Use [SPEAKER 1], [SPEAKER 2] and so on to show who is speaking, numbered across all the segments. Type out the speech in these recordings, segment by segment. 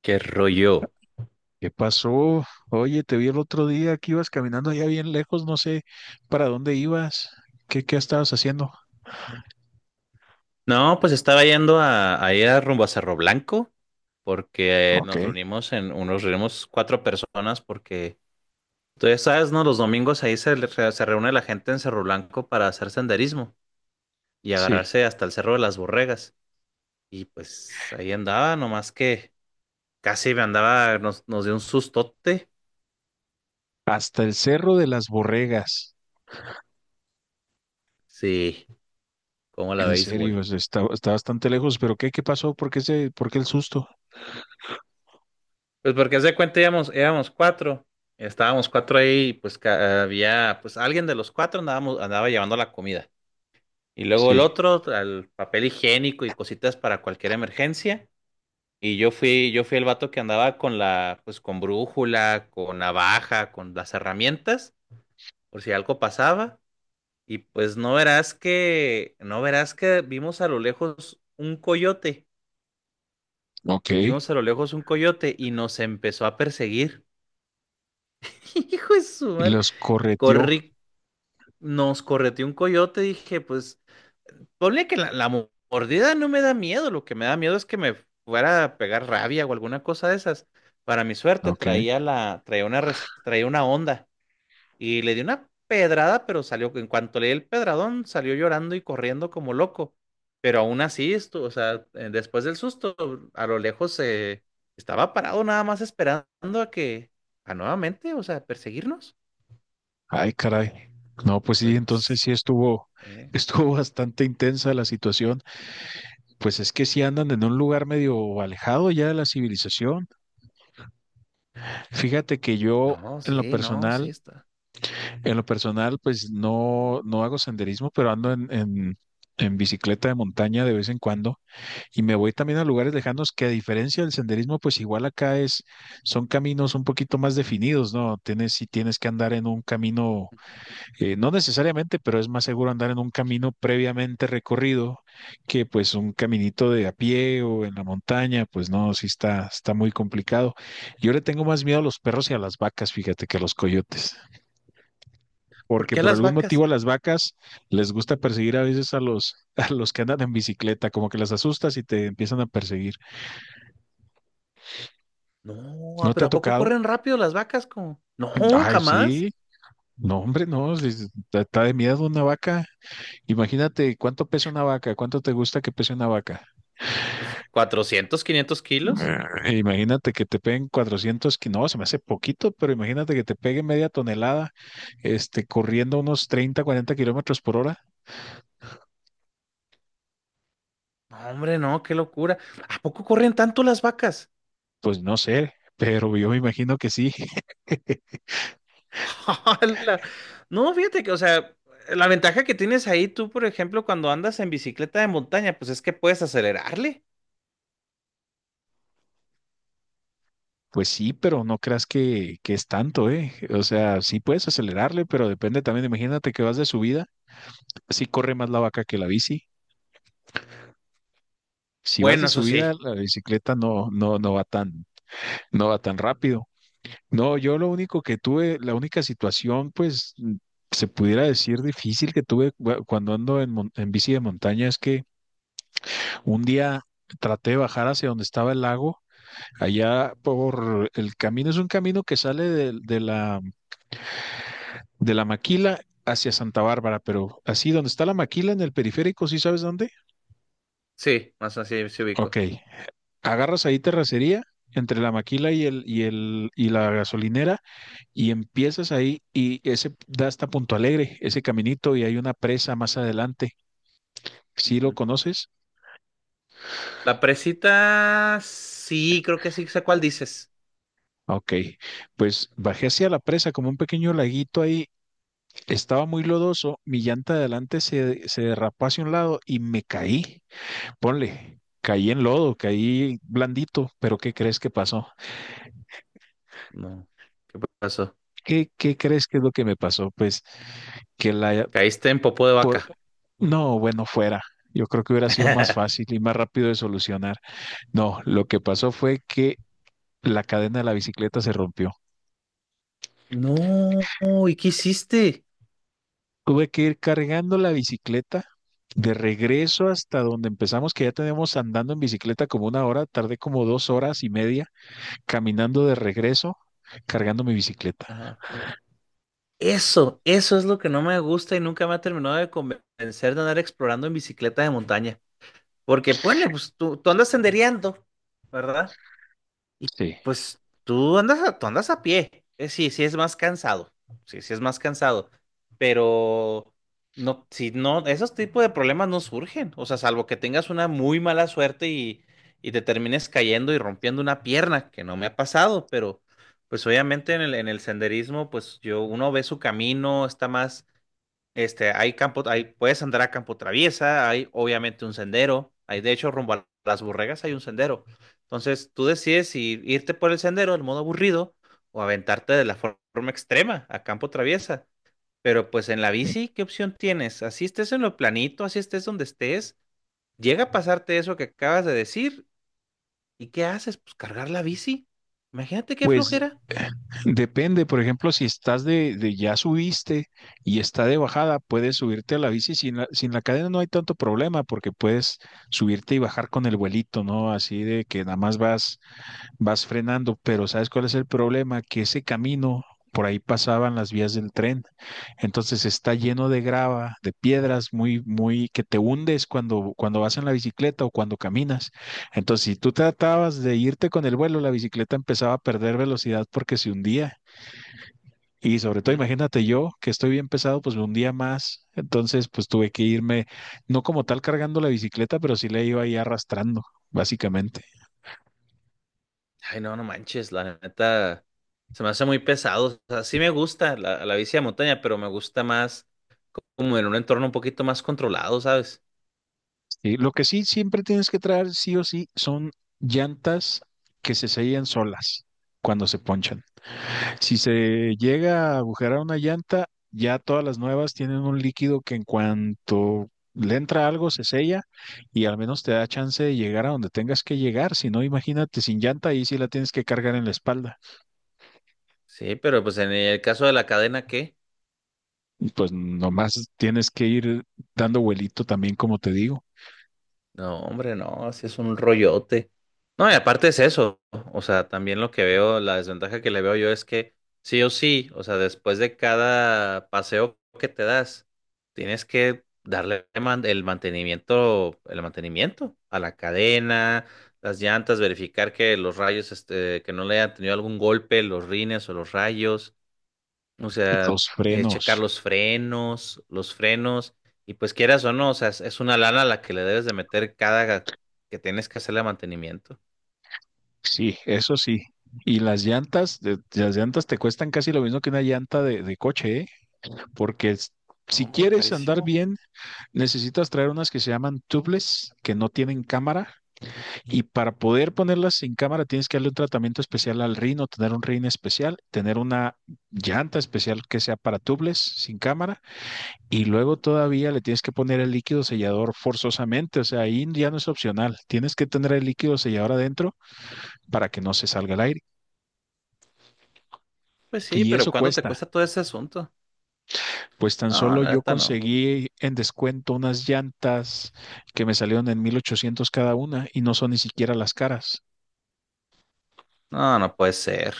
[SPEAKER 1] ¿Qué rollo?
[SPEAKER 2] ¿Qué pasó? Oye, te vi el otro día que ibas caminando allá bien lejos, no sé para dónde ibas. ¿Qué estabas haciendo?
[SPEAKER 1] No, pues estaba yendo a ir a rumbo a Cerro Blanco porque
[SPEAKER 2] Ok,
[SPEAKER 1] nos reunimos cuatro personas porque tú ya sabes, ¿no? Los domingos ahí se reúne la gente en Cerro Blanco para hacer senderismo y
[SPEAKER 2] sí.
[SPEAKER 1] agarrarse hasta el Cerro de las Borregas. Y pues ahí andaba, nomás que nos dio un sustote.
[SPEAKER 2] Hasta el Cerro de las Borregas.
[SPEAKER 1] Sí, como la
[SPEAKER 2] En serio,
[SPEAKER 1] béisbol.
[SPEAKER 2] está bastante lejos, pero ¿qué pasó? ¿Por qué el susto?
[SPEAKER 1] Pues porque haz de cuenta íbamos, éramos cuatro, estábamos cuatro ahí, y pues había, pues alguien de los cuatro andaba llevando la comida. Y luego el
[SPEAKER 2] Sí,
[SPEAKER 1] otro, al papel higiénico y cositas para cualquier emergencia. Y yo fui el vato que andaba pues con brújula, con navaja, con las herramientas, por si algo pasaba. Y pues no verás que vimos a lo lejos un coyote,
[SPEAKER 2] ok. Y
[SPEAKER 1] vimos a lo lejos un coyote y nos empezó a perseguir. Hijo de su madre.
[SPEAKER 2] los correteó.
[SPEAKER 1] Corrí, nos correteó un coyote, dije, pues, ponle que la mordida no me da miedo, lo que me da miedo es que me fuera a pegar rabia o alguna cosa de esas. Para mi suerte
[SPEAKER 2] Ok.
[SPEAKER 1] traía la, traía una, res- traía una onda y le di una pedrada, pero salió, en cuanto le di el pedradón, salió llorando y corriendo como loco. Pero aún así, o sea, después del susto, a lo lejos se estaba parado nada más esperando a que, a nuevamente, o sea, perseguirnos.
[SPEAKER 2] Ay, caray. No,
[SPEAKER 1] Y
[SPEAKER 2] pues sí, entonces sí
[SPEAKER 1] pues,
[SPEAKER 2] estuvo,
[SPEAKER 1] eh,
[SPEAKER 2] estuvo bastante intensa la situación. Pues es que sí andan en un lugar medio alejado ya de la civilización. Fíjate que yo
[SPEAKER 1] No,
[SPEAKER 2] en lo
[SPEAKER 1] sí, no, sí
[SPEAKER 2] personal,
[SPEAKER 1] está.
[SPEAKER 2] en lo personal, pues no, no hago senderismo, pero ando en bicicleta de montaña de vez en cuando y me voy también a lugares lejanos que a diferencia del senderismo, pues igual acá es, son caminos un poquito más definidos, ¿no? Tienes, sí tienes que andar en un camino no necesariamente, pero es más seguro andar en un camino previamente recorrido que pues un caminito de a pie o en la montaña, pues no, sí está, está muy complicado. Yo le tengo más miedo a los perros y a las vacas, fíjate, que a los coyotes,
[SPEAKER 1] ¿Por
[SPEAKER 2] porque
[SPEAKER 1] qué a
[SPEAKER 2] por
[SPEAKER 1] las
[SPEAKER 2] algún motivo
[SPEAKER 1] vacas?
[SPEAKER 2] a las vacas les gusta perseguir a veces a los, a los que andan en bicicleta, como que las asustas y te empiezan a perseguir.
[SPEAKER 1] No, ah,
[SPEAKER 2] ¿No te
[SPEAKER 1] pero
[SPEAKER 2] ha
[SPEAKER 1] ¿a poco
[SPEAKER 2] tocado?
[SPEAKER 1] corren rápido las vacas? Como, no,
[SPEAKER 2] Ay,
[SPEAKER 1] jamás.
[SPEAKER 2] sí. No, hombre, no, sí, sí, está de miedo una vaca. Imagínate cuánto pesa una vaca, cuánto te gusta que pese una vaca.
[SPEAKER 1] Pues, 400-500 kilos.
[SPEAKER 2] Imagínate que te peguen 400, no, se me hace poquito, pero imagínate que te peguen media tonelada, este, corriendo unos 30, 40 kilómetros por hora,
[SPEAKER 1] No, hombre, no, qué locura. ¿A poco corren tanto las vacas?
[SPEAKER 2] pues no sé, pero yo me imagino que sí.
[SPEAKER 1] ¡Hala! No, fíjate que, o sea, la ventaja que tienes ahí tú, por ejemplo, cuando andas en bicicleta de montaña, pues es que puedes acelerarle.
[SPEAKER 2] Pues sí, pero no creas que es tanto, ¿eh? O sea, sí puedes acelerarle, pero depende también. Imagínate que vas de subida, sí corre más la vaca que la bici. Si vas
[SPEAKER 1] Bueno,
[SPEAKER 2] de
[SPEAKER 1] eso
[SPEAKER 2] subida,
[SPEAKER 1] sí,
[SPEAKER 2] la bicicleta no, no, no va tan, no va tan rápido. No, yo lo único que tuve, la única situación, pues se pudiera decir difícil que tuve cuando ando en, en bici de montaña es que un día traté de bajar hacia donde estaba el lago, allá por el camino, es un camino que sale de la Maquila hacia Santa Bárbara, pero así donde está la Maquila en el periférico, ¿sí sabes dónde?
[SPEAKER 1] sí, más así se
[SPEAKER 2] Ok,
[SPEAKER 1] ubico.
[SPEAKER 2] agarras ahí terracería entre la Maquila y la gasolinera y empiezas ahí y ese da hasta Punto Alegre, ese caminito y hay una presa más adelante. ¿Sí lo
[SPEAKER 1] Ujú.
[SPEAKER 2] conoces?
[SPEAKER 1] La presita, sí, creo que sí sé cuál dices.
[SPEAKER 2] Ok, pues bajé hacia la presa como un pequeño laguito ahí. Estaba muy lodoso, mi llanta de adelante se, se derrapó hacia un lado y me caí. Ponle, caí en lodo, caí blandito, pero ¿qué crees que pasó?
[SPEAKER 1] No, ¿qué pasó?
[SPEAKER 2] ¿Qué crees que es lo que me pasó? Pues que la...
[SPEAKER 1] Caíste en popó de
[SPEAKER 2] Por...
[SPEAKER 1] vaca.
[SPEAKER 2] No, bueno, fuera. Yo creo que hubiera sido más fácil y más rápido de solucionar. No, lo que pasó fue que la cadena de la bicicleta se rompió.
[SPEAKER 1] No, ¿y qué hiciste?
[SPEAKER 2] Tuve que ir cargando la bicicleta de regreso hasta donde empezamos, que ya tenemos andando en bicicleta como una hora, tardé como 2 horas y media caminando de regreso, cargando mi bicicleta.
[SPEAKER 1] Ajá. Eso es lo que no me gusta y nunca me ha terminado de convencer de andar explorando en bicicleta de montaña. Porque, ponle, pues tú andas sendereando, ¿verdad? Y
[SPEAKER 2] Sí.
[SPEAKER 1] pues tú andas a pie. Sí, sí es más cansado. Sí, sí es más cansado. Pero no, si no, esos tipos de problemas no surgen. O sea, salvo que tengas una muy mala suerte y te termines cayendo y rompiendo una pierna, que no me ha pasado, pero pues obviamente en el senderismo, pues yo, uno ve su camino, está más hay campo, hay, puedes andar a campo traviesa, hay obviamente un sendero, hay de hecho rumbo a las burregas hay un sendero. Entonces tú decides si irte por el sendero, el modo aburrido, o aventarte de la forma extrema a campo traviesa. Pero pues en la
[SPEAKER 2] Sí.
[SPEAKER 1] bici, ¿qué opción tienes? Así estés en lo planito, así estés donde estés, llega a pasarte eso que acabas de decir, ¿y qué haces? Pues cargar la bici. Imagínate qué
[SPEAKER 2] Pues
[SPEAKER 1] flojera.
[SPEAKER 2] depende, por ejemplo, si estás de ya subiste y está de bajada, puedes subirte a la bici sin la cadena, no hay tanto problema porque puedes subirte y bajar con el vuelito, ¿no? Así de que nada más vas frenando, pero ¿sabes cuál es el problema? Que ese camino, por ahí pasaban las vías del tren, entonces está lleno de grava, de piedras, muy, muy, que te hundes cuando vas en la bicicleta o cuando caminas. Entonces, si tú tratabas de irte con el vuelo, la bicicleta empezaba a perder velocidad porque se hundía. Y sobre todo,
[SPEAKER 1] Ujú.
[SPEAKER 2] imagínate yo, que estoy bien pesado, pues me hundía más. Entonces, pues tuve que irme, no como tal cargando la bicicleta, pero sí la iba ahí arrastrando, básicamente.
[SPEAKER 1] Ay, no, no manches, la neta se me hace muy pesado. O sea, sí me gusta la bici de montaña, pero me gusta más como en un entorno un poquito más controlado, ¿sabes?
[SPEAKER 2] Sí, lo que sí siempre tienes que traer, sí o sí, son llantas que se sellan solas cuando se ponchan. Si se llega a agujerar una llanta, ya todas las nuevas tienen un líquido que en cuanto le entra algo se sella y al menos te da chance de llegar a donde tengas que llegar. Si no, imagínate sin llanta, ahí sí la tienes que cargar en la espalda.
[SPEAKER 1] Sí, pero pues en el caso de la cadena, ¿qué?
[SPEAKER 2] Y pues nomás tienes que ir dando vuelito también, como te digo.
[SPEAKER 1] No, hombre, no, así es un rollote. No, y aparte es eso, o sea, también lo que veo, la desventaja que le veo yo es que sí o sí, o sea, después de cada paseo que te das, tienes que darle el mantenimiento a la cadena, las llantas, verificar que los rayos, que no le hayan tenido algún golpe, los rines o los rayos. O sea,
[SPEAKER 2] Los
[SPEAKER 1] checar
[SPEAKER 2] frenos.
[SPEAKER 1] los frenos, y pues quieras o no, o sea, es una lana la que le debes de meter cada que tienes que hacerle mantenimiento.
[SPEAKER 2] Sí, eso sí. Y las llantas, las llantas te cuestan casi lo mismo que una llanta de coche, ¿eh? Porque
[SPEAKER 1] No,
[SPEAKER 2] si
[SPEAKER 1] hombre,
[SPEAKER 2] quieres andar
[SPEAKER 1] carísimo.
[SPEAKER 2] bien, necesitas traer unas que se llaman tubeless, que no tienen cámara. Y para poder ponerlas sin cámara, tienes que darle un tratamiento especial al rino, tener un rin especial, tener una llanta especial que sea para tubeless, sin cámara. Y luego todavía le tienes que poner el líquido sellador forzosamente. O sea, ahí ya no es opcional. Tienes que tener el líquido sellador adentro para que no se salga el aire.
[SPEAKER 1] Pues sí,
[SPEAKER 2] Y
[SPEAKER 1] pero
[SPEAKER 2] eso
[SPEAKER 1] ¿cuánto te
[SPEAKER 2] cuesta.
[SPEAKER 1] cuesta todo ese asunto?
[SPEAKER 2] Pues tan
[SPEAKER 1] No,
[SPEAKER 2] solo
[SPEAKER 1] la
[SPEAKER 2] yo
[SPEAKER 1] neta no.
[SPEAKER 2] conseguí en descuento unas llantas que me salieron en 1800 cada una y no son ni siquiera las caras.
[SPEAKER 1] No, no puede ser.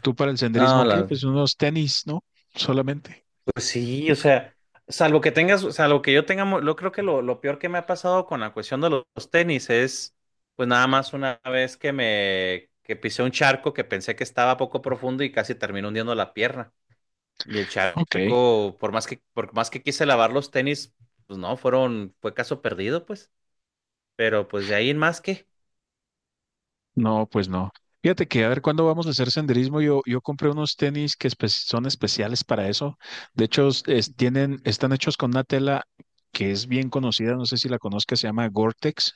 [SPEAKER 2] ¿Tú para el
[SPEAKER 1] No,
[SPEAKER 2] senderismo qué?
[SPEAKER 1] la...
[SPEAKER 2] Pues unos tenis, ¿no? Solamente.
[SPEAKER 1] Pues sí, o sea, salvo que yo tenga, yo creo que lo peor que me ha pasado con la cuestión de los tenis es, pues nada más una vez que me, que pisé un charco que pensé que estaba poco profundo y casi terminé hundiendo la pierna. Y el
[SPEAKER 2] Ok.
[SPEAKER 1] charco, por más que quise lavar los tenis, pues no, fueron, fue caso perdido, pues. Pero pues de ahí en más que,
[SPEAKER 2] No, pues no. Fíjate que a ver cuándo vamos a hacer senderismo. Yo compré unos tenis que son especiales para eso. De hecho, tienen, están hechos con una tela que es bien conocida, no sé si la conozcas, se llama Gore-Tex.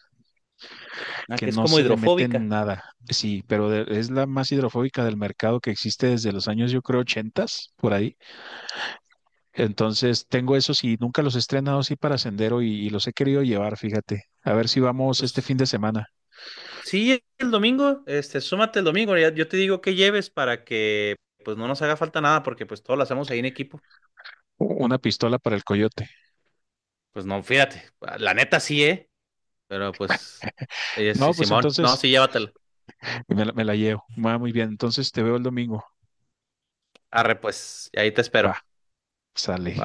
[SPEAKER 1] ah,
[SPEAKER 2] Que
[SPEAKER 1] que es
[SPEAKER 2] no
[SPEAKER 1] como
[SPEAKER 2] se le mete
[SPEAKER 1] hidrofóbica.
[SPEAKER 2] nada. Sí, pero es la más hidrofóbica del mercado que existe desde los años, yo creo, 80s, por ahí. Entonces, tengo esos y nunca los he estrenado así para sendero y los he querido llevar, fíjate. A ver si vamos este fin
[SPEAKER 1] Pues
[SPEAKER 2] de semana.
[SPEAKER 1] sí, el domingo, súmate el domingo, yo te digo que lleves para que pues no nos haga falta nada, porque pues todo lo hacemos ahí en equipo.
[SPEAKER 2] Una pistola para el coyote.
[SPEAKER 1] Pues no, fíjate, la neta sí, pero pues, sí,
[SPEAKER 2] No, pues
[SPEAKER 1] Simón, no,
[SPEAKER 2] entonces
[SPEAKER 1] sí, llévatela.
[SPEAKER 2] me la llevo. Va muy bien. Entonces te veo el domingo.
[SPEAKER 1] Arre, pues, ahí te
[SPEAKER 2] Va,
[SPEAKER 1] espero.
[SPEAKER 2] sale.
[SPEAKER 1] Va.